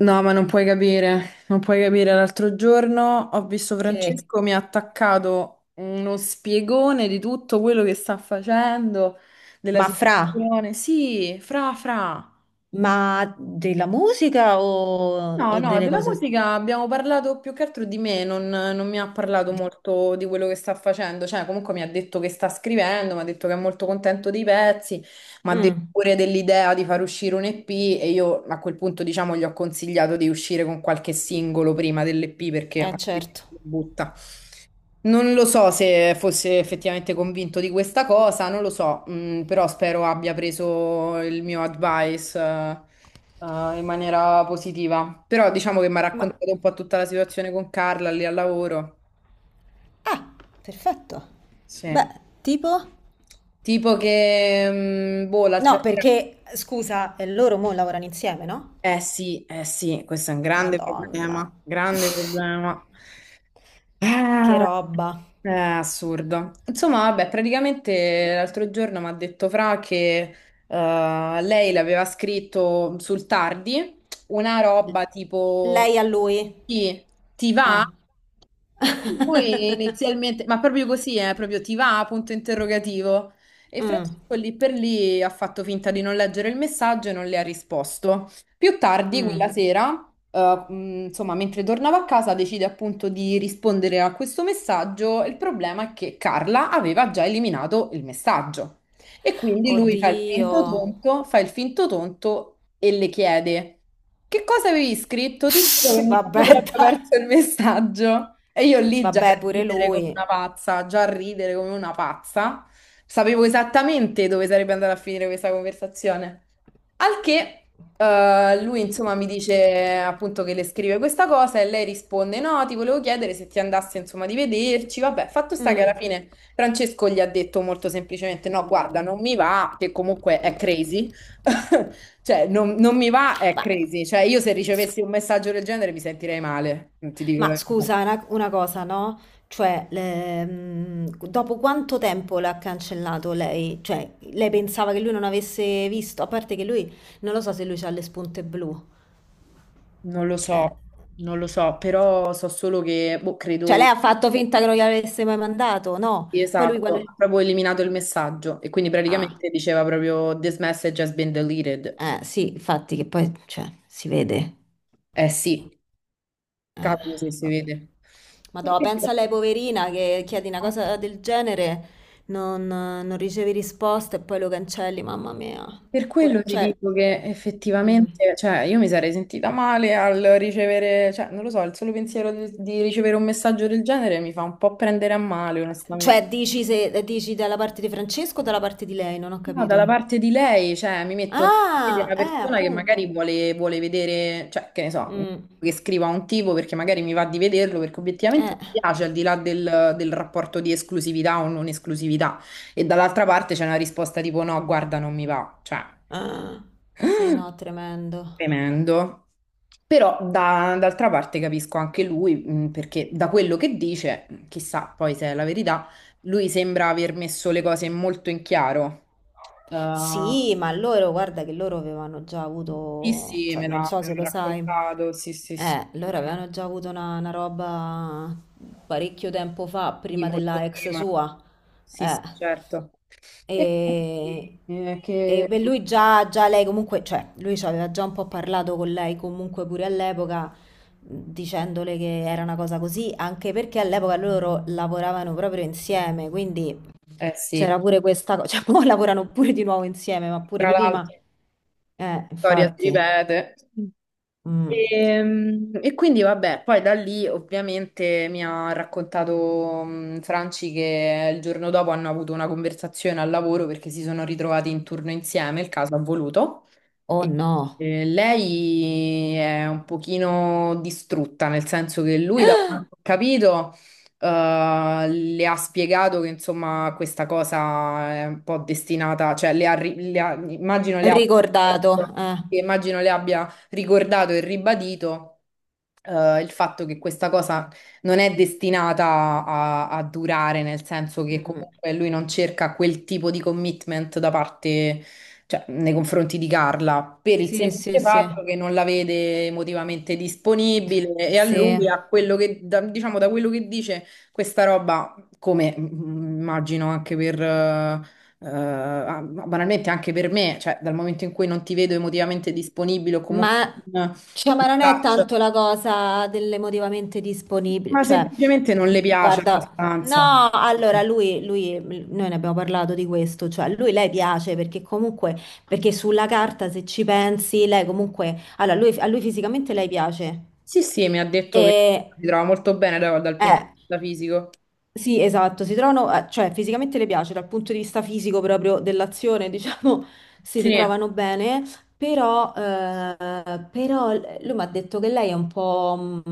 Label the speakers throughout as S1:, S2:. S1: No, ma non puoi capire, non puoi capire. L'altro giorno ho visto
S2: Che-
S1: Francesco, mi ha attaccato uno spiegone di tutto quello che sta facendo, della
S2: ma fra,
S1: situazione. Sì, fra, fra.
S2: ma della musica o,
S1: No,
S2: o
S1: no,
S2: delle
S1: della
S2: cose?
S1: musica abbiamo parlato più che altro di me, non mi ha parlato molto di quello che sta facendo, cioè comunque mi ha detto che sta scrivendo, mi ha detto che è molto contento dei pezzi, mi ha detto
S2: Mm.
S1: pure dell'idea di far uscire un EP e io a quel punto diciamo gli ho consigliato di uscire con qualche singolo prima dell'EP perché
S2: Eh,
S1: altrimenti
S2: certo.
S1: lo butta. Non lo so se fosse effettivamente convinto di questa cosa, non lo so, però spero abbia preso il mio advice, in maniera positiva. Però diciamo che mi ha
S2: Ma...
S1: raccontato un po' tutta la situazione con Carla lì al lavoro.
S2: Ah, perfetto. Beh,
S1: Sì.
S2: tipo...
S1: Tipo che, boh, l'altra
S2: No,
S1: sera.
S2: perché, scusa, loro mo lavorano insieme, no?
S1: Sì, eh sì, questo è un grande problema,
S2: Madonna,
S1: grande problema.
S2: che
S1: Ah,
S2: roba.
S1: è assurdo. Insomma, vabbè, praticamente l'altro giorno mi ha detto Fra che lei l'aveva scritto sul tardi, una
S2: L-
S1: roba tipo
S2: lei a lui.
S1: ti, ti va?
S2: Ah.
S1: Lui inizialmente, ma proprio così, proprio ti va? Punto interrogativo. E
S2: Mm,
S1: Francesco lì per lì ha fatto finta di non leggere il messaggio e non le ha risposto. Più tardi,
S2: mm.
S1: quella sera insomma, mentre tornava a casa decide appunto di rispondere a questo messaggio. Il problema è che Carla aveva già eliminato il messaggio e quindi lui fa il
S2: Oddio.
S1: finto tonto, fa il finto tonto e le chiede: Che cosa avevi scritto? Ti giuro che
S2: Pss,
S1: mi sono
S2: vabbè,
S1: proprio
S2: dai.
S1: perso il messaggio. E io lì già a
S2: Vabbè, pure
S1: ridere come
S2: lui.
S1: una pazza, già a ridere come una pazza. Sapevo esattamente dove sarebbe andata a finire questa conversazione. Al che lui insomma mi dice appunto che le scrive questa cosa e lei risponde no, ti volevo chiedere se ti andasse insomma di vederci. Vabbè, fatto sta che alla
S2: Mm.
S1: fine Francesco gli ha detto molto semplicemente no, guarda, non mi va, che comunque è crazy. Cioè, non mi va, è
S2: Ma...
S1: crazy. Cioè, io se ricevessi un messaggio del genere mi sentirei male, non ti dico la
S2: Ma
S1: verità.
S2: scusa, una cosa, no? Cioè, dopo quanto tempo l'ha cancellato lei? Cioè, lei pensava che lui non avesse visto, a parte che lui, non lo so se lui ha le spunte blu.
S1: Non lo
S2: Eh.
S1: so, non lo so, però so solo che boh,
S2: Cioè, lei
S1: credo.
S2: ha fatto finta che non gli avesse mai mandato, no?
S1: Sì,
S2: Poi lui
S1: esatto, ha proprio eliminato il messaggio e quindi
S2: Ah,
S1: praticamente diceva proprio This message has been deleted.
S2: sì, infatti che poi, cioè, si vede.
S1: Eh sì,
S2: Eh,
S1: cavolo se si
S2: vabbè.
S1: vede.
S2: Madò, pensa a lei poverina che chiedi una cosa del genere, non ricevi risposta e poi lo cancelli, mamma mia.
S1: Per quello
S2: Pure,
S1: ti
S2: cioè,
S1: dico che
S2: mhm.
S1: effettivamente, cioè, io mi sarei sentita male al ricevere, cioè, non lo so, il solo pensiero di ricevere un messaggio del genere mi fa un po' prendere a male, onestamente.
S2: Cioè, dici, se, dici dalla parte di Francesco o dalla parte di lei? Non ho
S1: No, dalla
S2: capito.
S1: parte di lei, cioè, mi metto nei piedi di
S2: Ah,
S1: una persona che magari
S2: appunto.
S1: vuole vedere, cioè, che ne so,
S2: Mm,
S1: che scriva un tipo perché magari mi va di vederlo, perché obiettivamente
S2: eh.
S1: mi piace, al di là del rapporto di esclusività o non esclusività. E dall'altra parte c'è una risposta tipo no, guarda, non mi va, cioè,
S2: Ah, sì, no, tremendo.
S1: tremendo. Però d'altra parte capisco anche lui, perché da quello che dice, chissà poi se è la verità, lui sembra aver messo le cose molto in chiaro. Ehm,
S2: Sì, ma loro, guarda che loro avevano già
S1: Sì,
S2: avuto,
S1: sì,
S2: cioè,
S1: me
S2: non
S1: l'ha
S2: so
S1: me
S2: se
S1: l'ha
S2: lo sai.
S1: raccontato, sì, sì, sì,
S2: Loro avevano già avuto una roba parecchio tempo fa,
S1: di
S2: prima
S1: molto
S2: della ex
S1: prima,
S2: sua.
S1: sì, sì,
S2: Eh.
S1: certo. E
S2: E,
S1: quindi,
S2: e
S1: che.
S2: per lui già lei comunque, cioè, lui ci aveva già un po' parlato con lei comunque pure all'epoca, dicendole che era una cosa così, anche perché all'epoca loro lavoravano proprio insieme, quindi
S1: Eh sì,
S2: c'era pure questa cosa, cioè, poi lavorano pure di nuovo insieme, ma pure
S1: tra
S2: prima.
S1: l'altro la storia si
S2: Infatti.
S1: ripete.
S2: Mm.
S1: E, e quindi vabbè, poi da lì ovviamente mi ha raccontato Franci che il giorno dopo hanno avuto una conversazione al lavoro perché si sono ritrovati in turno insieme, il caso ha voluto.
S2: Oh
S1: E-
S2: no.
S1: Lei è un pochino distrutta, nel senso che lui, da quanto ho capito, le ha spiegato che insomma questa cosa è un po' destinata, cioè le ha ri- le ha-
S2: Ricordato, eh.
S1: immagino le abbia ricordato e ribadito. Il fatto che questa cosa non è destinata a durare, nel senso che
S2: Mm.
S1: comunque lui non cerca quel tipo di commitment da parte, cioè, nei confronti di Carla, per il
S2: Sì, sì,
S1: semplice
S2: sì,
S1: fatto che non la vede emotivamente disponibile e a
S2: sì,
S1: lui, a quello che, diciamo, da quello che dice questa roba, come immagino anche per, banalmente anche per me, cioè dal momento in cui non ti vedo emotivamente disponibile o comunque
S2: ma,
S1: in
S2: cioè, ma non è
S1: touch,
S2: tanto la cosa dell'emotivamente disponibile,
S1: ma
S2: cioè,
S1: semplicemente non le piace
S2: guarda,
S1: abbastanza.
S2: no, allora noi ne abbiamo parlato di questo, cioè, lui, lei piace perché comunque, perché sulla carta se ci pensi, lei comunque, allora, lui, a lui fisicamente lei piace,
S1: Sì, sì, mi ha
S2: e,
S1: detto che si trova molto bene dal punto di
S2: eh,
S1: vista fisico.
S2: sì, esatto, si trovano, cioè fisicamente le piace dal punto di vista fisico proprio dell'azione, diciamo, si
S1: Sì.
S2: trovano bene, però, però lui mi ha detto che lei è un po',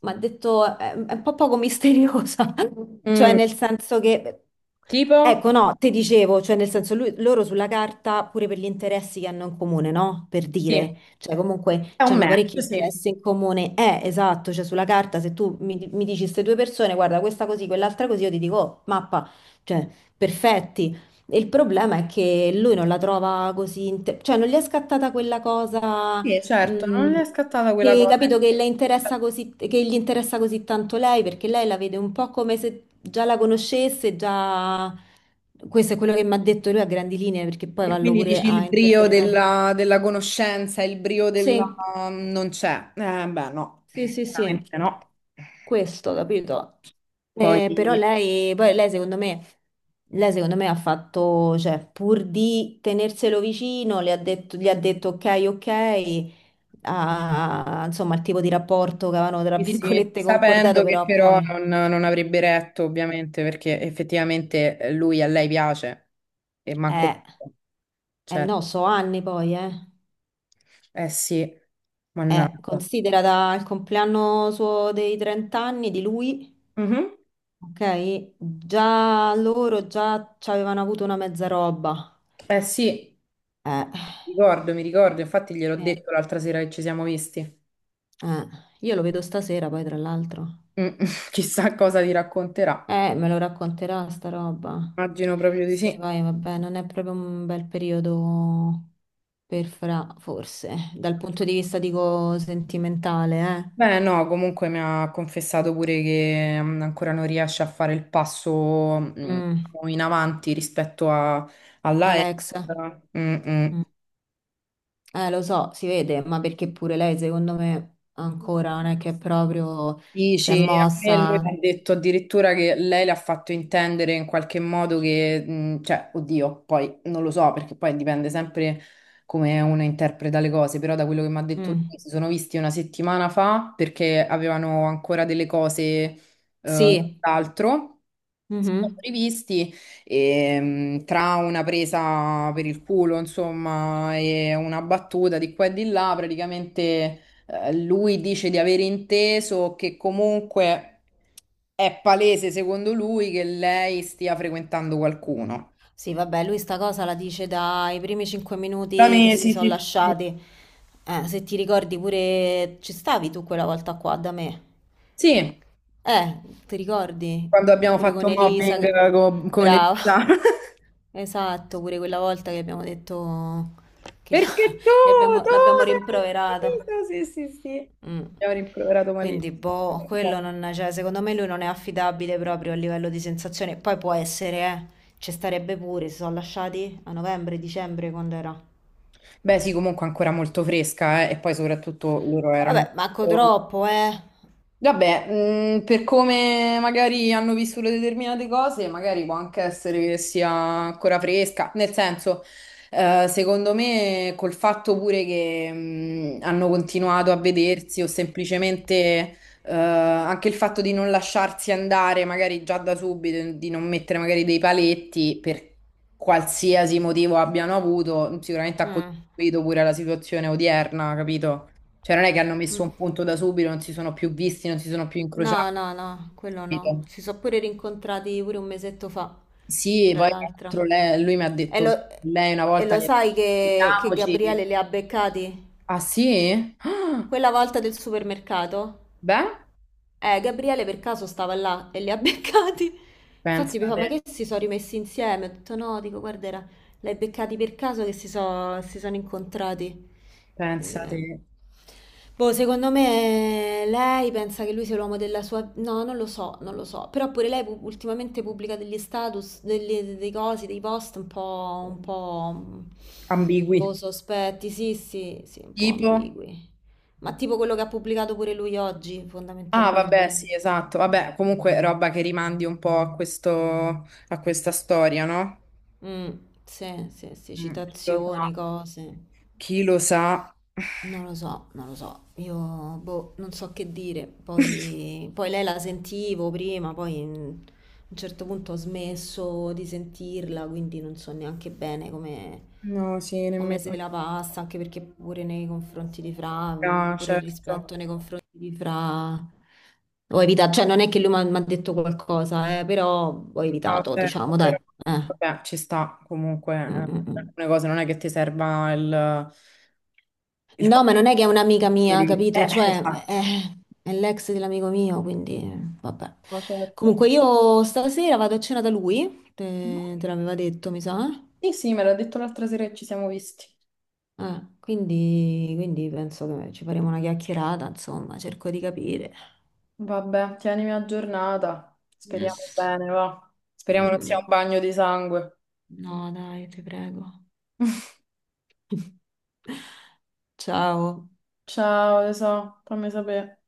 S2: mi ha detto, è un po' poco misteriosa, cioè
S1: Mm.
S2: nel senso che,
S1: Tipo?
S2: ecco, no, te dicevo, cioè nel senso loro sulla carta, pure per gli interessi che hanno in comune, no? Per
S1: Sì,
S2: dire. Cioè, comunque
S1: è un
S2: hanno parecchi
S1: match, sì.
S2: interessi in comune. Esatto, cioè sulla carta se tu mi dici queste due persone, guarda, questa così, quell'altra così, io ti dico, oh, mappa, cioè, perfetti. E il problema è che lui non la trova così, cioè non gli è scattata quella cosa,
S1: Sì, certo,
S2: mh,
S1: non è scattata quella
S2: che
S1: cosa. In
S2: capito che
S1: più.
S2: le interessa così, che gli interessa così tanto lei, perché lei la vede un po' come se già la conoscesse, già... Questo è quello che mi ha detto lui a grandi linee, perché poi
S1: E
S2: vallo
S1: quindi
S2: pure
S1: dici
S2: a
S1: il brio
S2: interpretare.
S1: della conoscenza, il brio della.
S2: Sì.
S1: Non c'è. Beh, no,
S2: Sì, sì,
S1: chiaramente
S2: sì,
S1: no.
S2: questo, capito?
S1: Poi,
S2: Però
S1: sì,
S2: lei secondo me ha fatto, cioè, pur di tenerselo vicino, gli ha detto ok, ok, insomma, il tipo di rapporto che avevano, tra
S1: sì,
S2: virgolette, concordato,
S1: sapendo che
S2: però
S1: però
S2: poi,
S1: non avrebbe retto, ovviamente, perché effettivamente lui a lei piace e manco.
S2: eh, eh
S1: Certo,
S2: no, so anni poi, eh.
S1: eh sì, mannaggia.
S2: Considera dal compleanno suo dei 30 anni di lui,
S1: Mhm.
S2: ok? Già loro già ci avevano avuto una mezza roba.
S1: Eh sì.
S2: Eh,
S1: Mi ricordo, infatti gliel'ho
S2: Eh,
S1: detto l'altra sera che ci siamo visti.
S2: eh, io lo vedo stasera poi tra l'altro.
S1: Mm, chissà cosa ti racconterà.
S2: Me lo racconterà sta roba.
S1: Immagino proprio di
S2: Sì,
S1: sì.
S2: poi vabbè, non è proprio un bel periodo per Fra, forse, dal punto di vista, dico, sentimentale,
S1: Beh, no, comunque mi ha confessato pure che ancora non riesce a fare il passo
S2: eh. Mm,
S1: in avanti rispetto all'AE.
S2: Alexa. Mm. Lo so, si vede, ma perché pure lei, secondo me, ancora non è che è proprio si è
S1: Dici, a me lui mi ha
S2: mossa.
S1: detto addirittura che lei le ha fatto intendere in qualche modo che, cioè, oddio, poi non lo so perché poi dipende sempre come uno interpreta le cose, però da quello che mi ha detto
S2: Mm.
S1: lui si sono visti una settimana fa perché avevano ancora delle cose,
S2: Sì.
S1: d'altro. Sì, sono
S2: Mhm.
S1: rivisti e, tra una presa per il culo, insomma, e una battuta di qua e di là, praticamente lui dice di aver inteso che comunque è palese, secondo lui, che lei stia frequentando qualcuno.
S2: Sì, vabbè, lui sta cosa la dice dai primi cinque
S1: Da
S2: minuti che
S1: me,
S2: si
S1: sì,
S2: sono
S1: sì, sì, sì.
S2: lasciati. Se ti ricordi pure, ci stavi tu quella volta qua da me.
S1: Sì,
S2: Eh, ti ricordi?
S1: quando abbiamo
S2: Pure con
S1: fatto mobbing
S2: Elisa che...
S1: con
S2: Brava.
S1: Elisa.
S2: Esatto, pure quella volta che abbiamo detto che
S1: Perché tu, tu
S2: l'abbiamo
S1: sei.
S2: rimproverato.
S1: Mentito! Sì, sì, sì.
S2: Mm.
S1: Mi ha rimproverato
S2: Quindi,
S1: malissimo.
S2: boh, quello non, cioè, secondo me lui non è affidabile proprio a livello di sensazione. Poi può essere, ci starebbe pure, si sono lasciati a novembre, dicembre, quando era.
S1: Beh, sì, comunque ancora molto fresca, e poi soprattutto loro erano.
S2: Vabbè, manco troppo, eh.
S1: Vabbè, per come magari hanno vissuto determinate cose, magari può anche essere che sia ancora fresca. Nel senso, secondo me, col fatto pure che hanno continuato a vedersi o semplicemente anche il fatto di non lasciarsi andare magari già da subito, di non mettere magari dei paletti per qualsiasi motivo abbiano avuto, sicuramente ha
S2: Mm.
S1: contribuito pure alla situazione odierna, capito? Cioè non è che hanno messo
S2: Mm.
S1: un punto da subito, non si sono più visti, non si sono più
S2: No,
S1: incrociati,
S2: no, no, quello no.
S1: capito?
S2: Si sono pure rincontrati pure un mesetto fa,
S1: Sì, e
S2: tra
S1: poi tra l'altro
S2: l'altro.
S1: lui mi ha
S2: E
S1: detto che
S2: lo,
S1: lei una
S2: e
S1: volta
S2: lo
S1: gli ha detto
S2: sai che Gabriele
S1: "Sentiamoci".
S2: li ha beccati?
S1: Ah sì? Ah,
S2: Quella volta del supermercato?
S1: beh,
S2: Gabriele per caso stava là e li ha beccati. Infatti mi fa, ma che
S1: pensate,
S2: si sono rimessi insieme? Ho detto no, dico, guarda, l'hai beccati per caso che si sono incontrati. Quindi, eh,
S1: pensate,
S2: boh, secondo me lei pensa che lui sia l'uomo della sua... No, non lo so, non lo so. Però pure lei ultimamente pubblica degli status, degli, dei cosi, dei post un po'... mm,
S1: ambigui.
S2: boh, sospetti, sì, sì, sì, un po'
S1: Tipo?
S2: ambigui. Ma tipo quello che ha pubblicato pure lui oggi,
S1: Ah vabbè,
S2: fondamentalmente.
S1: sì, esatto. Vabbè, comunque roba che rimandi un po' a questo, a questa storia, no?
S2: Mm, sì, sì, sì,
S1: Mm, chi lo sa?
S2: citazioni, cose.
S1: Chi lo sa?
S2: Non lo so, non lo so, io boh, non so che dire. Poi, poi lei la sentivo prima, poi mm, a un certo punto ho smesso di sentirla, quindi non so neanche bene come,
S1: No, sì,
S2: come se
S1: nemmeno.
S2: la passa, anche perché pure nei confronti di Fra, mm,
S1: Ah,
S2: pure il
S1: certo.
S2: rispetto nei confronti di Fra, ho evitato, cioè non è che lui mi ha detto qualcosa, però ho
S1: No,
S2: evitato,
S1: certo,
S2: diciamo, dai.
S1: però
S2: Eh.
S1: vabbè, ci sta comunque.
S2: Mm, mm,
S1: Per
S2: mm.
S1: alcune cose non è che ti serva il
S2: No,
S1: costume
S2: ma non è che è un'amica mia, capito? Cioè,
S1: Esatto.
S2: è l'ex dell'amico mio, quindi vabbè.
S1: Ma certo.
S2: Comunque io stasera vado a cena da lui, te l'aveva detto, mi sa.
S1: Sì, sì, me l'ha detto l'altra sera che ci siamo visti.
S2: Quindi penso che ci faremo una chiacchierata, insomma, cerco di capire.
S1: Vabbè, tienimi aggiornata. Speriamo
S2: Yes.
S1: bene, va. Speriamo non sia un
S2: Mhm.
S1: bagno di sangue.
S2: No, dai, ti prego. Ciao.
S1: Ciao, tesoro, fammi sapere.